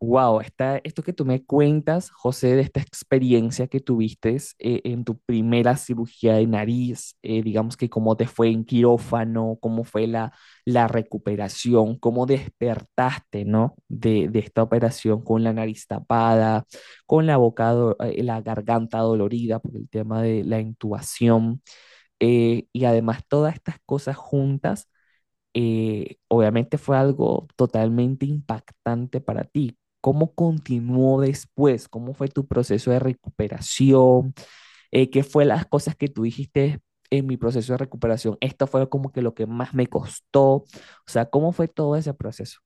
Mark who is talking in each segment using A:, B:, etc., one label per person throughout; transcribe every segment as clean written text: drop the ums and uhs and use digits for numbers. A: Wow, está, esto que tú me cuentas, José, de esta experiencia que tuviste, en tu primera cirugía de nariz, digamos que cómo te fue en quirófano, cómo fue la recuperación, cómo despertaste, ¿no? De esta operación con la nariz tapada, con la boca, la garganta dolorida por el tema de la intubación, y además todas estas cosas juntas, obviamente fue algo totalmente impactante para ti. ¿Cómo continuó después? ¿Cómo fue tu proceso de recuperación? ¿Qué fue las cosas que tú dijiste en mi proceso de recuperación? Esto fue como que lo que más me costó. O sea, ¿cómo fue todo ese proceso?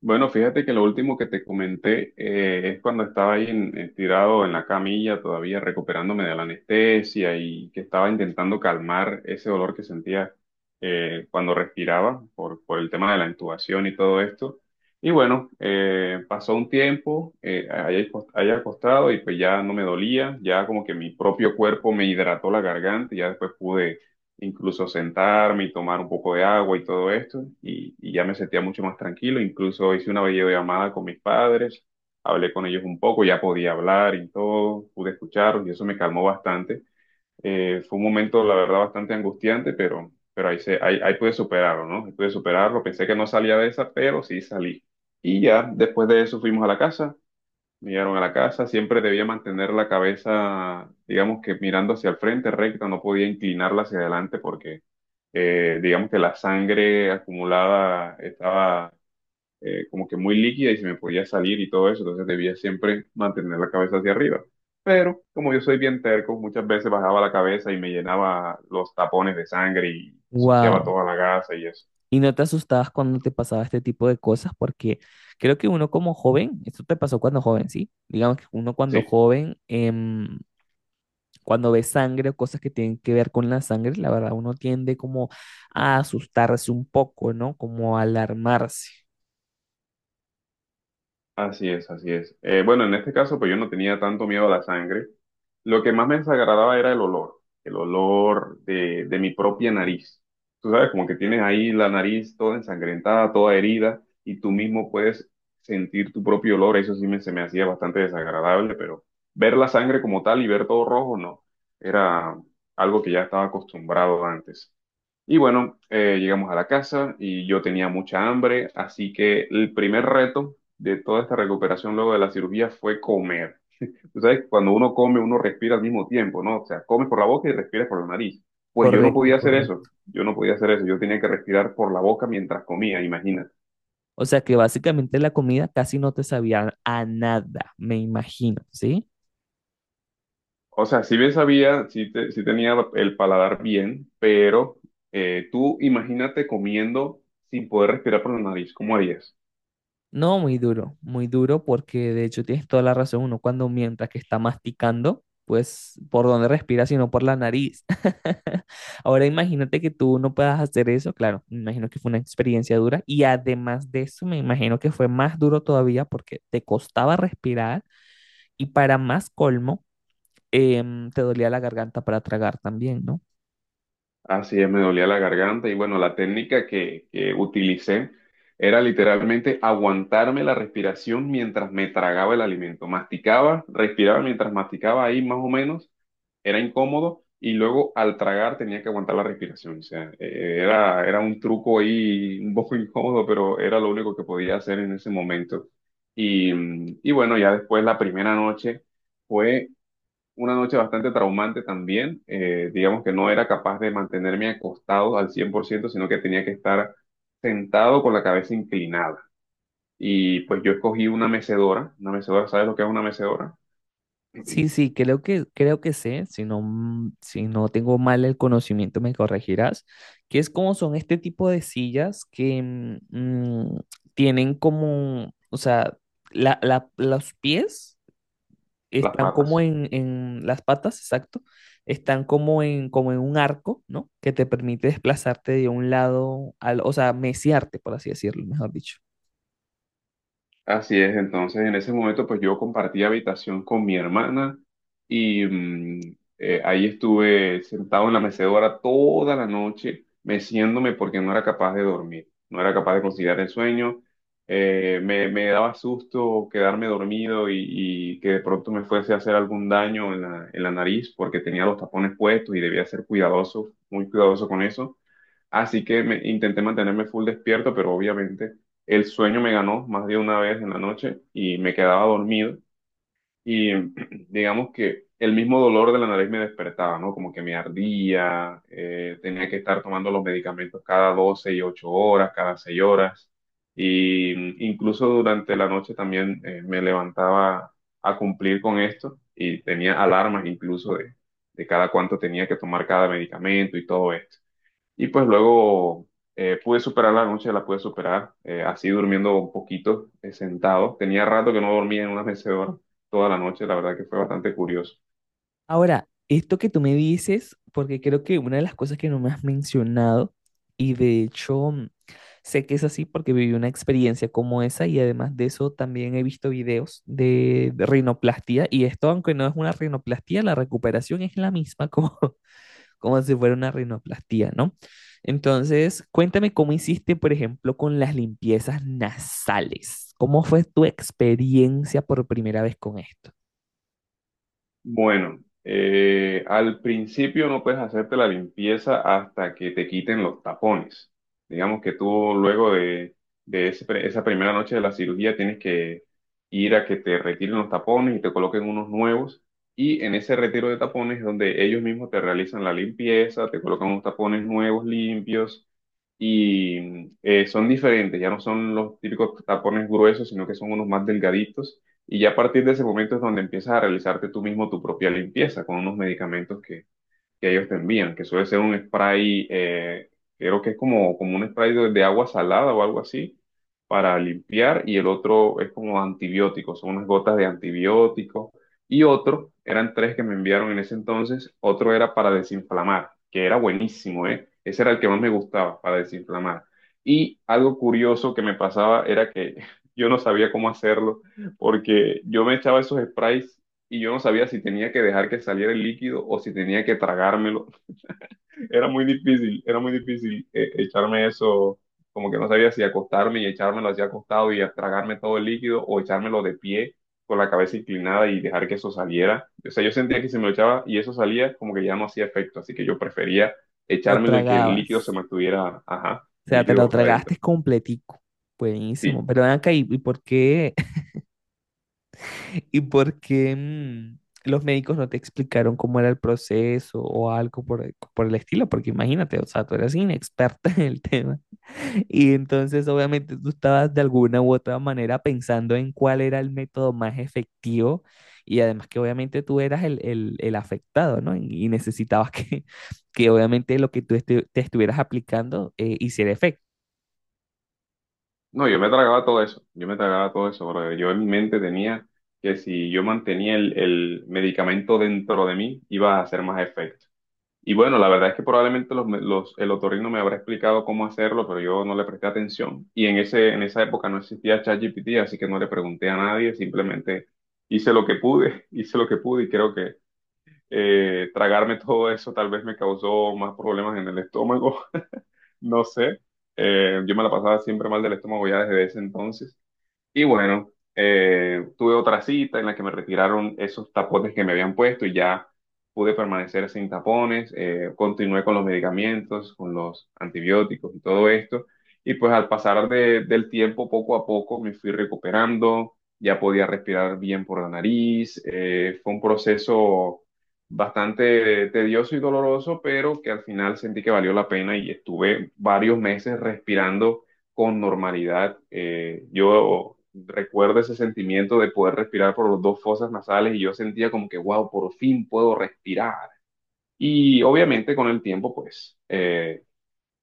B: Bueno, fíjate que lo último que te comenté es cuando estaba ahí tirado en la camilla, todavía recuperándome de la anestesia y que estaba intentando calmar ese dolor que sentía cuando respiraba por el tema de la intubación y todo esto. Y bueno, pasó un tiempo ahí ahí acostado y pues ya no me dolía, ya como que mi propio cuerpo me hidrató la garganta y ya después pude incluso sentarme y tomar un poco de agua y todo esto, y ya me sentía mucho más tranquilo, incluso hice una videollamada con mis padres, hablé con ellos un poco, ya podía hablar y todo, pude escucharlos y eso me calmó bastante. Fue un momento, la verdad, bastante angustiante, pero ahí pude superarlo, ¿no? Ahí pude superarlo, pensé que no salía de esa, pero sí salí. Y ya después de eso fuimos a la casa. Llegaron a la casa, siempre debía mantener la cabeza, digamos que mirando hacia el frente recta, no podía inclinarla hacia adelante porque digamos que la sangre acumulada estaba como que muy líquida y se me podía salir y todo eso, entonces debía siempre mantener la cabeza hacia arriba. Pero como yo soy bien terco, muchas veces bajaba la cabeza y me llenaba los tapones de sangre y ensuciaba
A: Wow.
B: toda la gasa y eso.
A: Y no te asustabas cuando te pasaba este tipo de cosas, porque creo que uno como joven, esto te pasó cuando joven, ¿sí? Digamos que uno cuando
B: Sí.
A: joven, cuando ve sangre o cosas que tienen que ver con la sangre, la verdad uno tiende como a asustarse un poco, ¿no? Como a alarmarse.
B: Así es, así es. Bueno, en este caso, pues yo no tenía tanto miedo a la sangre. Lo que más me desagradaba era el olor de mi propia nariz. Tú sabes, como que tienes ahí la nariz toda ensangrentada, toda herida, y tú mismo puedes sentir tu propio olor. Eso sí se me hacía bastante desagradable, pero ver la sangre como tal y ver todo rojo, no. Era algo que ya estaba acostumbrado antes. Y bueno, llegamos a la casa y yo tenía mucha hambre, así que el primer reto de toda esta recuperación luego de la cirugía fue comer. Tú sabes, cuando uno come, uno respira al mismo tiempo, ¿no? O sea, comes por la boca y respiras por la nariz. Pues yo no
A: Correcto,
B: podía hacer eso,
A: correcto.
B: yo no podía hacer eso, yo tenía que respirar por la boca mientras comía, imagínate.
A: O sea que básicamente la comida casi no te sabía a nada, me imagino, ¿sí?
B: O sea, si bien sabía, sí, sí tenía el paladar bien, pero tú imagínate comiendo sin poder respirar por la nariz, ¿cómo harías?
A: No, muy duro porque de hecho tienes toda la razón, uno cuando mientras que está masticando, pues por dónde respira, sino por la nariz. Ahora imagínate que tú no puedas hacer eso, claro, me imagino que fue una experiencia dura y además de eso me imagino que fue más duro todavía porque te costaba respirar y para más colmo, te dolía la garganta para tragar también, ¿no?
B: Así es, me dolía la garganta y bueno, la técnica que utilicé era literalmente aguantarme la respiración mientras me tragaba el alimento. Masticaba, respiraba mientras masticaba ahí más o menos, era incómodo y luego al tragar tenía que aguantar la respiración. O sea, era un truco ahí un poco incómodo, pero era lo único que podía hacer en ese momento. Y bueno, ya después la primera noche fue una noche bastante traumante también. Digamos que no era capaz de mantenerme acostado al 100% sino que tenía que estar sentado con la cabeza inclinada. Y pues yo escogí una mecedora. Una mecedora, ¿sabes lo que es una mecedora?
A: Sí, sí, creo que sé, si no, si no tengo mal el conocimiento me corregirás, que es como son este tipo de sillas que tienen como, o sea, los pies
B: Las
A: están como
B: patas.
A: en las patas, exacto, están como en, como en un arco, ¿no? Que te permite desplazarte de un lado al, o sea, meciarte, por así decirlo, mejor dicho.
B: Así es, entonces en ese momento pues yo compartí habitación con mi hermana y ahí estuve sentado en la mecedora toda la noche, meciéndome porque no era capaz de dormir, no era capaz de conciliar el sueño. Me daba susto quedarme dormido y que de pronto me fuese a hacer algún daño en en la nariz porque tenía los tapones puestos y debía ser cuidadoso, muy cuidadoso con eso. Así que intenté mantenerme full despierto, pero obviamente el sueño me ganó más de una vez en la noche y me quedaba dormido. Y digamos que el mismo dolor de la nariz me despertaba, ¿no? Como que me ardía, tenía que estar tomando los medicamentos cada 12 y 8 horas, cada 6 horas. Y incluso durante la noche también me levantaba a cumplir con esto y tenía alarmas incluso de cada cuánto tenía que tomar cada medicamento y todo esto. Y pues luego pude superar la noche, la pude superar, así durmiendo un poquito, sentado. Tenía rato que no dormía en una mecedora toda la noche, la verdad que fue bastante curioso.
A: Ahora, esto que tú me dices, porque creo que una de las cosas que no me has mencionado, y de hecho sé que es así porque viví una experiencia como esa, y además de eso también he visto videos de rinoplastia, y esto, aunque no es una rinoplastia, la recuperación es la misma como, como si fuera una rinoplastia, ¿no? Entonces, cuéntame cómo hiciste, por ejemplo, con las limpiezas nasales. ¿Cómo fue tu experiencia por primera vez con esto?
B: Bueno, al principio no puedes hacerte la limpieza hasta que te quiten los tapones. Digamos que tú luego de ese esa primera noche de la cirugía tienes que ir a que te retiren los tapones y te coloquen unos nuevos. Y en ese retiro de tapones es donde ellos mismos te realizan la limpieza, te colocan unos tapones nuevos, limpios. Y son diferentes, ya no son los típicos tapones gruesos, sino que son unos más delgaditos y ya a partir de ese momento es donde empiezas a realizarte tú mismo tu propia limpieza con unos medicamentos que ellos te envían, que suele ser un spray, creo que es como un spray de agua salada o algo así, para limpiar, y el otro es como antibiótico, son unas gotas de antibiótico, y otro, eran tres que me enviaron en ese entonces, otro era para desinflamar, que era buenísimo, ¿eh? Ese era el que más me gustaba, para desinflamar. Y algo curioso que me pasaba era que yo no sabía cómo hacerlo, porque yo me echaba esos sprays y yo no sabía si tenía que dejar que saliera el líquido o si tenía que tragármelo. Era muy difícil echarme eso, como que no sabía si acostarme y echármelo así acostado y tragarme todo el líquido o echármelo de pie con la cabeza inclinada y dejar que eso saliera. O sea, yo sentía que si me lo echaba y eso salía, como que ya no hacía efecto, así que yo prefería
A: ¿Lo
B: echármelo y que el líquido se
A: tragabas?
B: mantuviera, ajá,
A: O
B: el
A: sea, te lo
B: líquido adentro.
A: tragaste completico. Buenísimo.
B: Sí.
A: Pero ven acá, y por qué, y por qué los médicos no te explicaron cómo era el proceso o algo por, por el estilo? Porque imagínate, o sea, tú eras inexperta en el tema. Y entonces, obviamente, tú estabas de alguna u otra manera pensando en cuál era el método más efectivo. Y además que obviamente tú eras el, el afectado, ¿no? Y necesitabas que, que obviamente lo que tú te estuvieras aplicando, hiciera efecto.
B: No, yo me tragaba todo eso, yo me tragaba todo eso, brother. Yo en mi mente tenía que si yo mantenía el medicamento dentro de mí, iba a hacer más efecto. Y bueno, la verdad es que probablemente el otorrino me habrá explicado cómo hacerlo, pero yo no le presté atención. Y en en esa época no existía ChatGPT, así que no le pregunté a nadie, simplemente hice lo que pude, hice lo que pude y creo que tragarme todo eso tal vez me causó más problemas en el estómago, no sé. Yo me la pasaba siempre mal del estómago ya desde ese entonces. Y bueno, tuve otra cita en la que me retiraron esos tapones que me habían puesto y ya pude permanecer sin tapones. Eh, continué con los medicamentos, con los antibióticos y todo esto. Y pues al pasar del tiempo, poco a poco me fui recuperando, ya podía respirar bien por la nariz. Eh, fue un proceso bastante tedioso y doloroso, pero que al final sentí que valió la pena y estuve varios meses respirando con normalidad. Yo recuerdo ese sentimiento de poder respirar por los dos fosas nasales y yo sentía como que, wow, por fin puedo respirar. Y obviamente con el tiempo, pues, eh,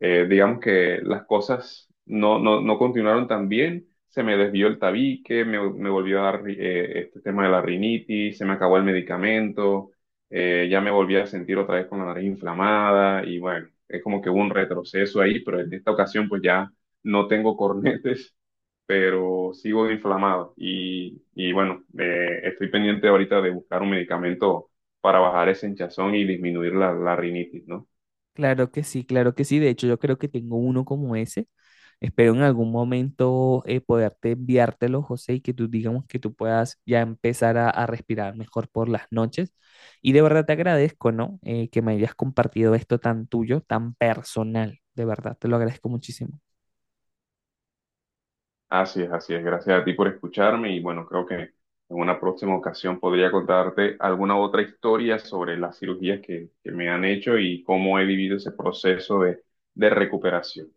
B: eh, digamos que las cosas no continuaron tan bien, se me desvió el tabique, me volvió a dar este tema de la rinitis, se me acabó el medicamento, ya me volví a sentir otra vez con la nariz inflamada y bueno, es como que hubo un retroceso ahí, pero en esta ocasión pues ya no tengo cornetes, pero sigo inflamado y bueno, estoy pendiente ahorita de buscar un medicamento para bajar ese hinchazón y disminuir la rinitis, ¿no?
A: Claro que sí, claro que sí. De hecho, yo creo que tengo uno como ese. Espero en algún momento, poderte enviártelo, José, y que tú digamos que tú puedas ya empezar a respirar mejor por las noches. Y de verdad te agradezco, ¿no? Que me hayas compartido esto tan tuyo, tan personal. De verdad, te lo agradezco muchísimo.
B: Así es, así es. Gracias a ti por escucharme y bueno, creo que en una próxima ocasión podría contarte alguna otra historia sobre las cirugías que me han hecho y cómo he vivido ese proceso de recuperación.